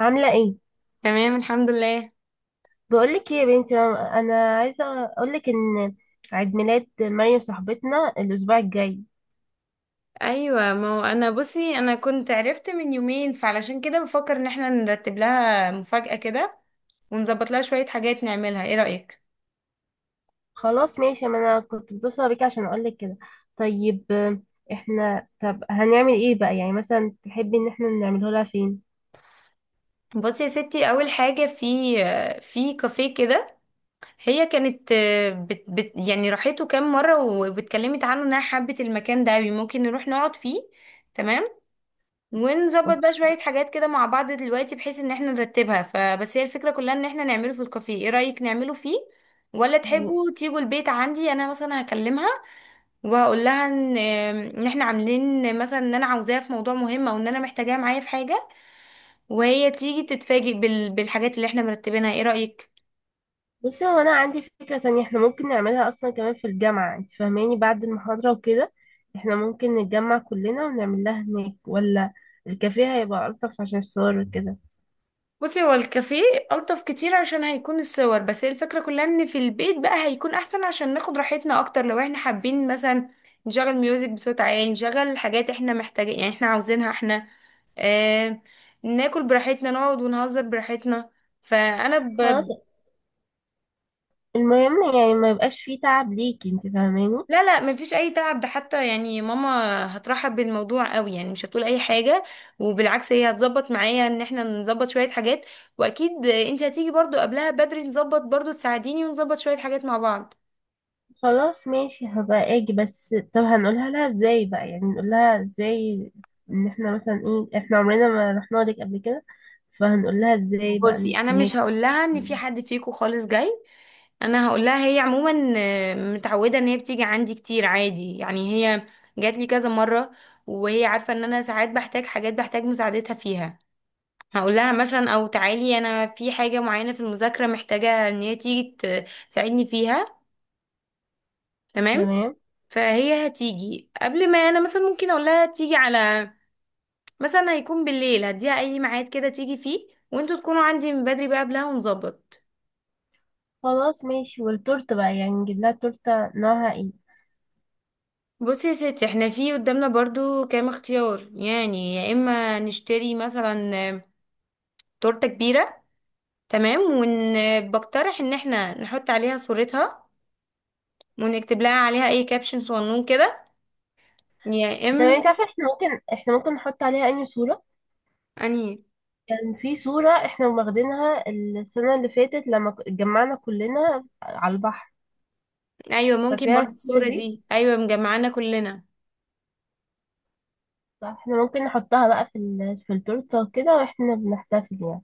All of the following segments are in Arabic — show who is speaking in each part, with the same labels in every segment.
Speaker 1: عاملة ايه؟
Speaker 2: تمام، الحمد لله.
Speaker 1: بقولك ايه يا بنتي أنا عايزة اقولك ان عيد ميلاد مريم صاحبتنا الاسبوع الجاي.
Speaker 2: ايوه، ما هو انا بصي انا كنت عرفت من يومين، فعلشان كده بفكر ان احنا نرتب لها مفاجأة كده، ونظبط لها شوية حاجات نعملها. ايه رأيك؟
Speaker 1: خلاص ماشي، ما انا كنت متصلة بيكي عشان اقولك كده. طيب آه، احنا طب هنعمل ايه بقى؟ يعني مثلا تحبي ان احنا نعمله لها فين؟
Speaker 2: بصي يا ستي، اول حاجة في في كافيه كده. هي كانت بت يعني راحته كام مرة، واتكلمت عنه انها حبت المكان ده أوي. ممكن نروح نقعد فيه. تمام، ونظبط
Speaker 1: و-
Speaker 2: بقى شوية حاجات كده مع بعض دلوقتي بحيث ان احنا نرتبها. فبس هي الفكرة كلها ان احنا نعمله في الكافيه. ايه رأيك نعمله فيه، ولا
Speaker 1: و-
Speaker 2: تحبوا تيجوا البيت عندي؟ انا مثلا هكلمها وهقول لها ان احنا عاملين مثلا ان انا عاوزاها في موضوع مهم، او ان انا محتاجاها معايا في حاجة، وهي تيجي تتفاجئ بالحاجات اللي احنا مرتبينها. ايه رأيك؟
Speaker 1: بصي هو انا عندي فكرة تانية احنا ممكن نعملها اصلا كمان في الجامعة، انت فاهماني، بعد المحاضرة وكده. احنا ممكن نتجمع كلنا ونعمل لها هناك، ولا الكافيه هيبقى ألطف عشان الصور وكده؟
Speaker 2: بصي هو الكافيه ألطف كتير عشان هيكون الصور، بس هي الفكرة كلها ان في البيت بقى هيكون احسن عشان ناخد راحتنا اكتر، لو احنا حابين مثلا نشغل ميوزك بصوت عالي، نشغل حاجات احنا محتاجين، يعني احنا عاوزينها احنا. آه، ناكل براحتنا، نقعد ونهزر براحتنا. فأنا ب...
Speaker 1: خلاص، المهم يعني ما يبقاش فيه تعب ليكي، انت فاهماني.
Speaker 2: لا لا، مفيش اي تعب. ده حتى يعني ماما هترحب بالموضوع قوي، يعني مش هتقول اي حاجه. وبالعكس هي هتظبط معايا ان احنا نظبط شويه حاجات. واكيد انت هتيجي برضو قبلها بدري، نظبط برضو، تساعديني، ونظبط شويه حاجات مع بعض.
Speaker 1: خلاص ماشي، هبقى اجي. بس طب هنقولها لها ازاي بقى؟ يعني نقول لها ازاي ان احنا مثلا ايه، احنا عمرنا ما رحنا لك قبل كده، فهنقول لها ازاي بقى
Speaker 2: بصي
Speaker 1: ان
Speaker 2: انا
Speaker 1: هناك؟
Speaker 2: مش هقول لها ان في حد فيكو خالص جاي. انا هقول لها، هي عموما متعوده ان هي بتيجي عندي كتير عادي، يعني هي جات لي كذا مره، وهي عارفه ان انا ساعات بحتاج حاجات، بحتاج مساعدتها فيها. هقول لها مثلا، او تعالي انا في حاجة معينة في المذاكرة محتاجة ان هي تيجي تساعدني فيها. تمام.
Speaker 1: تمام.
Speaker 2: فهي هتيجي قبل ما انا مثلا ممكن اقول لها تيجي على، مثلا هيكون بالليل، هديها اي ميعاد كده تيجي فيه، وانتوا تكونوا عندي من بدري بقى قبلها ونظبط.
Speaker 1: خلاص ماشي. والتورته بقى يعني نجيب لها تورته نوعها ايه؟
Speaker 2: بصي يا ستي، احنا في قدامنا برضو كام اختيار. يعني يا اما نشتري مثلا تورتة كبيرة. تمام. وبقترح ان احنا نحط عليها صورتها، ونكتب لها عليها اي كابشن صغنون كده، يا
Speaker 1: تمام. انت عارفه احنا ممكن نحط عليها اي صوره
Speaker 2: انهي.
Speaker 1: كان، يعني في صوره احنا واخدينها السنه اللي فاتت لما اتجمعنا كلنا على البحر،
Speaker 2: ايوه ممكن
Speaker 1: فاكراها
Speaker 2: برضه
Speaker 1: الصوره
Speaker 2: الصوره
Speaker 1: دي؟
Speaker 2: دي، ايوه مجمعانا كلنا.
Speaker 1: احنا ممكن نحطها بقى في في التورته وكده واحنا بنحتفل يعني.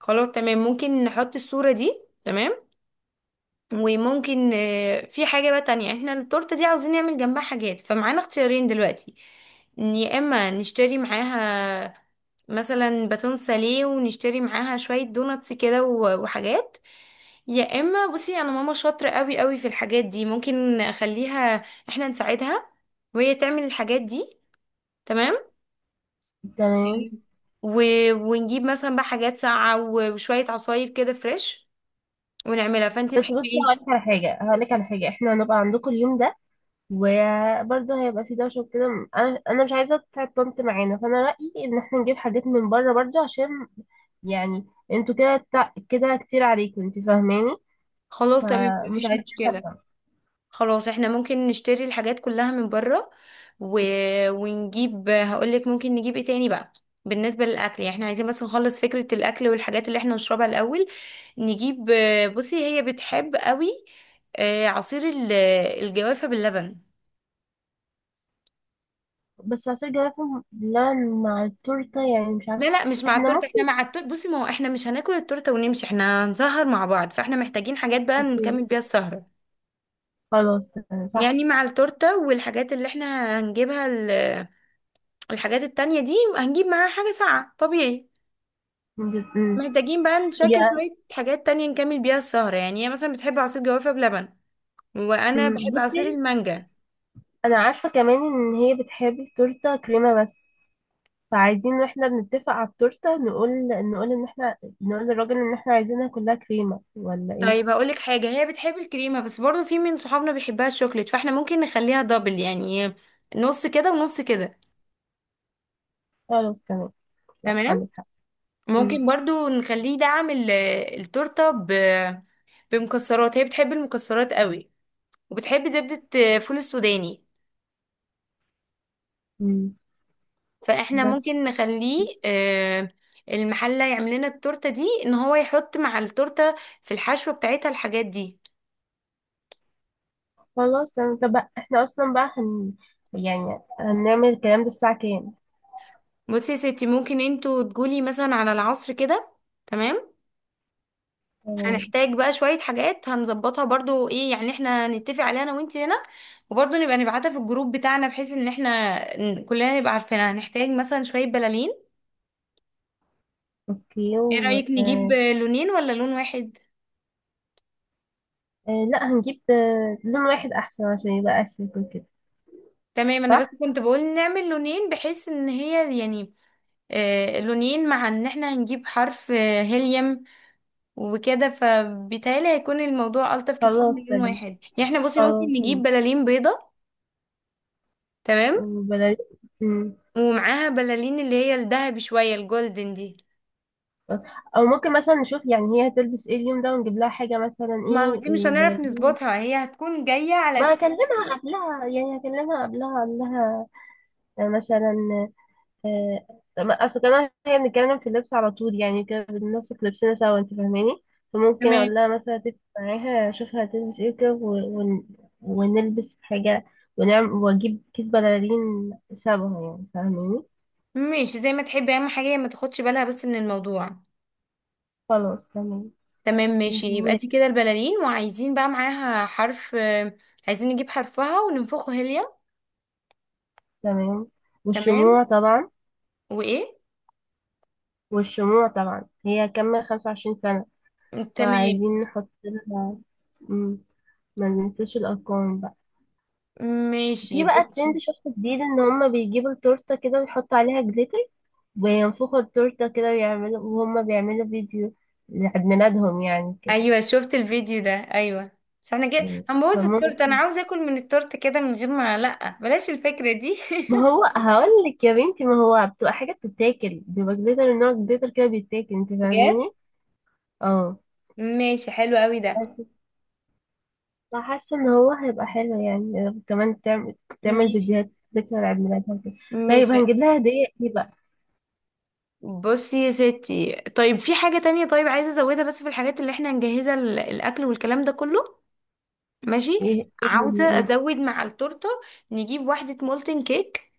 Speaker 2: خلاص تمام، ممكن نحط الصوره دي. تمام. وممكن في حاجه بقى تانية. احنا التورته دي عاوزين نعمل جنبها حاجات، فمعانا اختيارين دلوقتي. إن يا اما نشتري معاها مثلا باتون ساليه، ونشتري معاها شويه دوناتس كده وحاجات. يا اما بصي انا ماما شاطره قوي قوي في الحاجات دي، ممكن اخليها، احنا نساعدها وهي تعمل الحاجات دي. تمام.
Speaker 1: تمام.
Speaker 2: أوكي. و... ونجيب مثلا بقى حاجات ساقعة وشوية عصاير كده فريش، ونعملها فانتي.
Speaker 1: بس
Speaker 2: تحبي
Speaker 1: بصي،
Speaker 2: ايه؟
Speaker 1: هقولك على حاجه احنا هنبقى عندكم اليوم ده، وبرضه هيبقى في دوشه وكده، انا مش عايزه تتعب طنط معانا، فانا رايي ان احنا نجيب حاجات من بره برضه عشان يعني انتوا كده كده كتير عليكم، انت فاهماني.
Speaker 2: خلاص تمام،
Speaker 1: فمش
Speaker 2: مفيش
Speaker 1: عايزين تتعب
Speaker 2: مشكلة.
Speaker 1: طنط.
Speaker 2: خلاص احنا ممكن نشتري الحاجات كلها من بره. و... ونجيب، هقولك ممكن نجيب ايه تاني بقى. بالنسبة للأكل، يعني احنا عايزين بس نخلص فكرة الأكل والحاجات اللي احنا نشربها الأول. نجيب، بصي هي بتحب قوي عصير الجوافة باللبن.
Speaker 1: بس عصير جوافه بلبن مع التورته، يعني مش
Speaker 2: لا
Speaker 1: عارفه.
Speaker 2: لا، مش مع
Speaker 1: احنا
Speaker 2: التورته.
Speaker 1: ممكن.
Speaker 2: احنا مع التورته بصي، ما هو احنا مش هناكل التورته ونمشي، احنا هنسهر مع بعض، فاحنا محتاجين حاجات بقى
Speaker 1: اوكي،
Speaker 2: نكمل بيها السهره.
Speaker 1: خلاص تمام،
Speaker 2: يعني
Speaker 1: صح.
Speaker 2: مع التورته والحاجات اللي احنا هنجيبها، الحاجات التانية دي هنجيب معاها حاجه ساقعه طبيعي.
Speaker 1: مم.
Speaker 2: محتاجين بقى نشكل
Speaker 1: يعني.
Speaker 2: شويه حاجات تانية نكمل بيها السهره. يعني هي مثلا بتحب عصير جوافه بلبن، وانا بحب عصير
Speaker 1: بصي،
Speaker 2: المانجا.
Speaker 1: انا عارفة كمان ان هي بتحب التورتة كريمة بس، فعايزين واحنا بنتفق على التورتة نقول، نقول ان احنا نقول للراجل ان احنا عايزينها كلها كريمة ولا
Speaker 2: طيب
Speaker 1: ايه؟
Speaker 2: هقولك حاجه، هي بتحب الكريمه بس برضو في من صحابنا بيحبها الشوكليت، فاحنا ممكن نخليها دبل يعني، نص كده ونص كده.
Speaker 1: خلاص تمام، صح
Speaker 2: تمام.
Speaker 1: عندك حق. مم.
Speaker 2: ممكن برضو نخليه دعم التورتة بمكسرات. هي بتحب المكسرات قوي، وبتحب زبدة فول السوداني.
Speaker 1: مم.
Speaker 2: فاحنا
Speaker 1: بس.
Speaker 2: ممكن نخليه المحلة يعمل لنا التورتة دي، ان هو يحط مع التورتة في الحشوة بتاعتها الحاجات دي.
Speaker 1: خلاص تمام، طب بقى احنا اصلا بقى هن، يعني هنعمل الكلام ده الساعة كام؟
Speaker 2: بصي يا ستي، ممكن انتوا تقولي مثلا على العصر كده. تمام.
Speaker 1: تمام.
Speaker 2: هنحتاج بقى شوية حاجات هنظبطها برضو، ايه يعني، احنا نتفق عليها انا وانت هنا، وبرضو نبقى نبعتها في الجروب بتاعنا بحيث ان احنا كلنا نبقى عارفينها. هنحتاج مثلا شوية بلالين.
Speaker 1: اوكي
Speaker 2: ايه
Speaker 1: و
Speaker 2: رأيك نجيب
Speaker 1: آه،
Speaker 2: لونين ولا لون واحد؟
Speaker 1: لا، هنجيب لون واحد احسن عشان يبقى اشيك وكده.
Speaker 2: تمام، انا
Speaker 1: صح.
Speaker 2: بس كنت بقول نعمل لونين بحيث ان هي يعني، آه لونين، مع ان احنا هنجيب حرف آه هيليوم وكده، فبالتالي هيكون الموضوع ألطف كتير
Speaker 1: خلاص
Speaker 2: من لون
Speaker 1: تمام.
Speaker 2: واحد. يعني احنا بصي ممكن
Speaker 1: خلاص
Speaker 2: نجيب
Speaker 1: ماشي.
Speaker 2: بلالين بيضة. تمام.
Speaker 1: وبلاش.
Speaker 2: ومعاها بلالين اللي هي الذهبي، شوية الجولدن دي.
Speaker 1: او ممكن مثلا نشوف يعني هي هتلبس ايه اليوم ده ونجيب لها حاجه مثلا
Speaker 2: ما هو دي
Speaker 1: ايه,
Speaker 2: مش
Speaker 1: إيه
Speaker 2: هنعرف
Speaker 1: بلدي.
Speaker 2: نظبطها، هي هتكون جاية على
Speaker 1: ما
Speaker 2: س...
Speaker 1: هكلمها قبلها يعني هكلمها قبلها اقول لها مثلا، آه، اصل كمان هي بنتكلم في اللبس على طول، يعني كده بننسق لبسنا سوا، انت فاهماني. فممكن
Speaker 2: تمام
Speaker 1: اقول لها مثلا، اتفق معاها اشوفها هتلبس ايه كده ونلبس حاجه، ونعمل واجيب كيس بلالين شبهه، يعني فاهماني.
Speaker 2: ماشي، زي ما تحبي. اهم حاجة هي ما تاخدش بالها بس من الموضوع.
Speaker 1: خلاص تمام.
Speaker 2: تمام ماشي، يبقى
Speaker 1: و-
Speaker 2: دي كده البلالين. وعايزين بقى معاها حرف عايزين نجيب حرفها وننفخه هيليا.
Speaker 1: تمام.
Speaker 2: تمام.
Speaker 1: والشموع طبعا.
Speaker 2: وايه؟
Speaker 1: والشموع طبعا، هي كمل 25 سنة،
Speaker 2: تمام
Speaker 1: فعايزين نحط لها. مم. ما ننساش الأرقام بقى.
Speaker 2: ماشي.
Speaker 1: في بقى
Speaker 2: بصي،
Speaker 1: ترند شفته جديد، إن هما بيجيبوا التورتة كده ويحطوا عليها جليتر، وينفخوا التورتة كده ويعملوا، وهما بيعملوا فيديو لعيد ميلادهم يعني كده.
Speaker 2: ايوه شفت الفيديو ده، ايوه. بس احنا كده
Speaker 1: مم.
Speaker 2: هنبوظ التورته، انا
Speaker 1: فممكن،
Speaker 2: عاوزه اكل من التورته كده من غير ما، لا بلاش الفكرة دي.
Speaker 1: ما هو هقول لك يا بنتي، ما هو بتبقى حاجة بتتاكل، بيبقى جليتر، نوع جليتر كده بيتاكل، انت
Speaker 2: بجد؟
Speaker 1: فاهماني؟ اه.
Speaker 2: ماشي، حلو قوي ده.
Speaker 1: انا حاسه ان هو هيبقى حلو، يعني كمان تعمل، تعمل
Speaker 2: ماشي.
Speaker 1: فيديوهات ذكرى لعيد ميلادها وكده. طيب
Speaker 2: ماشي.
Speaker 1: هنجيب لها هديه ايه بقى؟
Speaker 2: بصي يا ستي، طيب في حاجة تانية، طيب عايزة ازودها بس في الحاجات اللي احنا نجهزها، الأكل والكلام ده كله. ماشي.
Speaker 1: ايه ايه هي؟
Speaker 2: عاوزة
Speaker 1: مم.
Speaker 2: ازود مع التورتة، نجيب واحدة مولتن كيك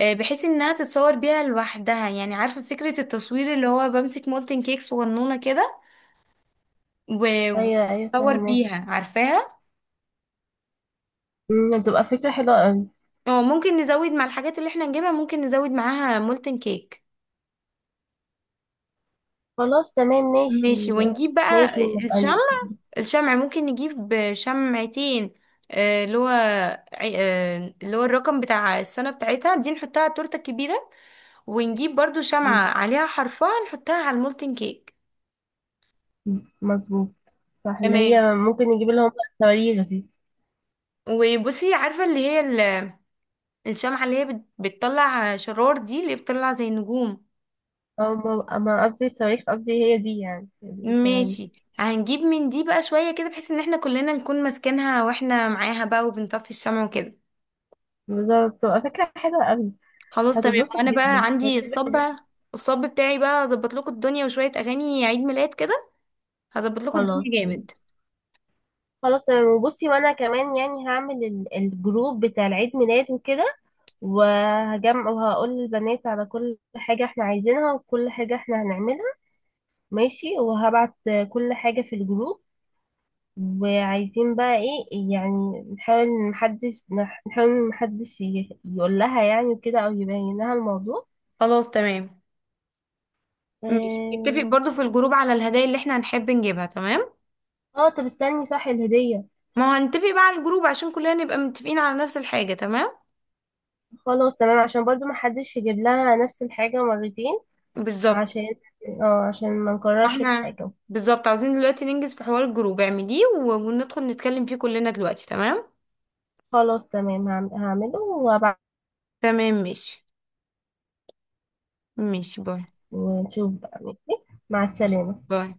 Speaker 2: بحيث انها تتصور بيها لوحدها، يعني عارفة فكرة التصوير اللي هو بمسك مولتن كيك صغنونة كده و-
Speaker 1: ايوه ايوه
Speaker 2: واتصور
Speaker 1: فاهمه.
Speaker 2: بيها، عارفاها.
Speaker 1: مم، هتبقى فكره حلوه قوي.
Speaker 2: اه ممكن نزود مع الحاجات اللي احنا نجيبها، ممكن نزود معاها مولتن كيك.
Speaker 1: خلاص تمام ماشي.
Speaker 2: ماشي، ونجيب
Speaker 1: ماشي
Speaker 2: بقى
Speaker 1: نبقى
Speaker 2: الشمع. الشمع ممكن نجيب شمعتين آه، اللي هو اللي هو الرقم بتاع السنة بتاعتها دي، نحطها على التورتة الكبيرة، ونجيب برضو شمعة عليها حرفها نحطها على المولتن كيك.
Speaker 1: مظبوط. صح، اللي
Speaker 2: تمام.
Speaker 1: هي ممكن نجيب لهم بقى الصواريخ دي.
Speaker 2: وبصي عارفة اللي هي الشمعة اللي هي بتطلع شرار دي، اللي هي بتطلع زي النجوم.
Speaker 1: او ما قصدي صواريخ، قصدي هي دي يعني، الصواريخ.
Speaker 2: ماشي، هنجيب من دي بقى شوية كده، بحيث ان احنا كلنا نكون ماسكينها واحنا معاها بقى وبنطفي الشمع وكده.
Speaker 1: بالظبط، تبقى فكره حلوه قوي.
Speaker 2: خلاص تمام.
Speaker 1: هتتبسط
Speaker 2: وانا بقى
Speaker 1: جدا،
Speaker 2: عندي
Speaker 1: هتتبسط
Speaker 2: الصب
Speaker 1: جدا.
Speaker 2: بقى، الصب بتاعي بقى اظبط لكم الدنيا، وشوية اغاني عيد ميلاد كده، هظبط لكم
Speaker 1: خلاص
Speaker 2: الدنيا
Speaker 1: تمام.
Speaker 2: جامد.
Speaker 1: خلاص تمام. وبصي، وانا كمان يعني هعمل الجروب بتاع العيد ميلاد وكده، وهجمع وهقول للبنات على كل حاجة احنا عايزينها وكل حاجة احنا هنعملها. ماشي، وهبعت كل حاجة في الجروب. وعايزين بقى ايه، يعني نحاول محدش نحاول محدش يقول لها يعني كده او يبين لها الموضوع.
Speaker 2: خلاص تمام. ماشي، نتفق
Speaker 1: اه.
Speaker 2: برضو في الجروب على الهدايا اللي احنا هنحب نجيبها. تمام.
Speaker 1: آه، طب استني، صح، الهدية.
Speaker 2: ما هو هنتفق بقى على الجروب عشان كلنا نبقى متفقين على نفس الحاجة. تمام.
Speaker 1: خلاص تمام، عشان برضو محدش يجيب لها نفس الحاجة مرتين.
Speaker 2: بالظبط.
Speaker 1: عشان، اه، عشان ما نكررش
Speaker 2: احنا
Speaker 1: الحاجة.
Speaker 2: بالظبط عاوزين دلوقتي ننجز في حوار الجروب، اعمليه وندخل نتكلم فيه كلنا دلوقتي. تمام.
Speaker 1: خلاص تمام، هعمله وابعت.
Speaker 2: تمام ماشي. ماشي، باي.
Speaker 1: ونشوف بقى. ماشي، مع
Speaker 2: ماشي،
Speaker 1: السلامة.
Speaker 2: باي.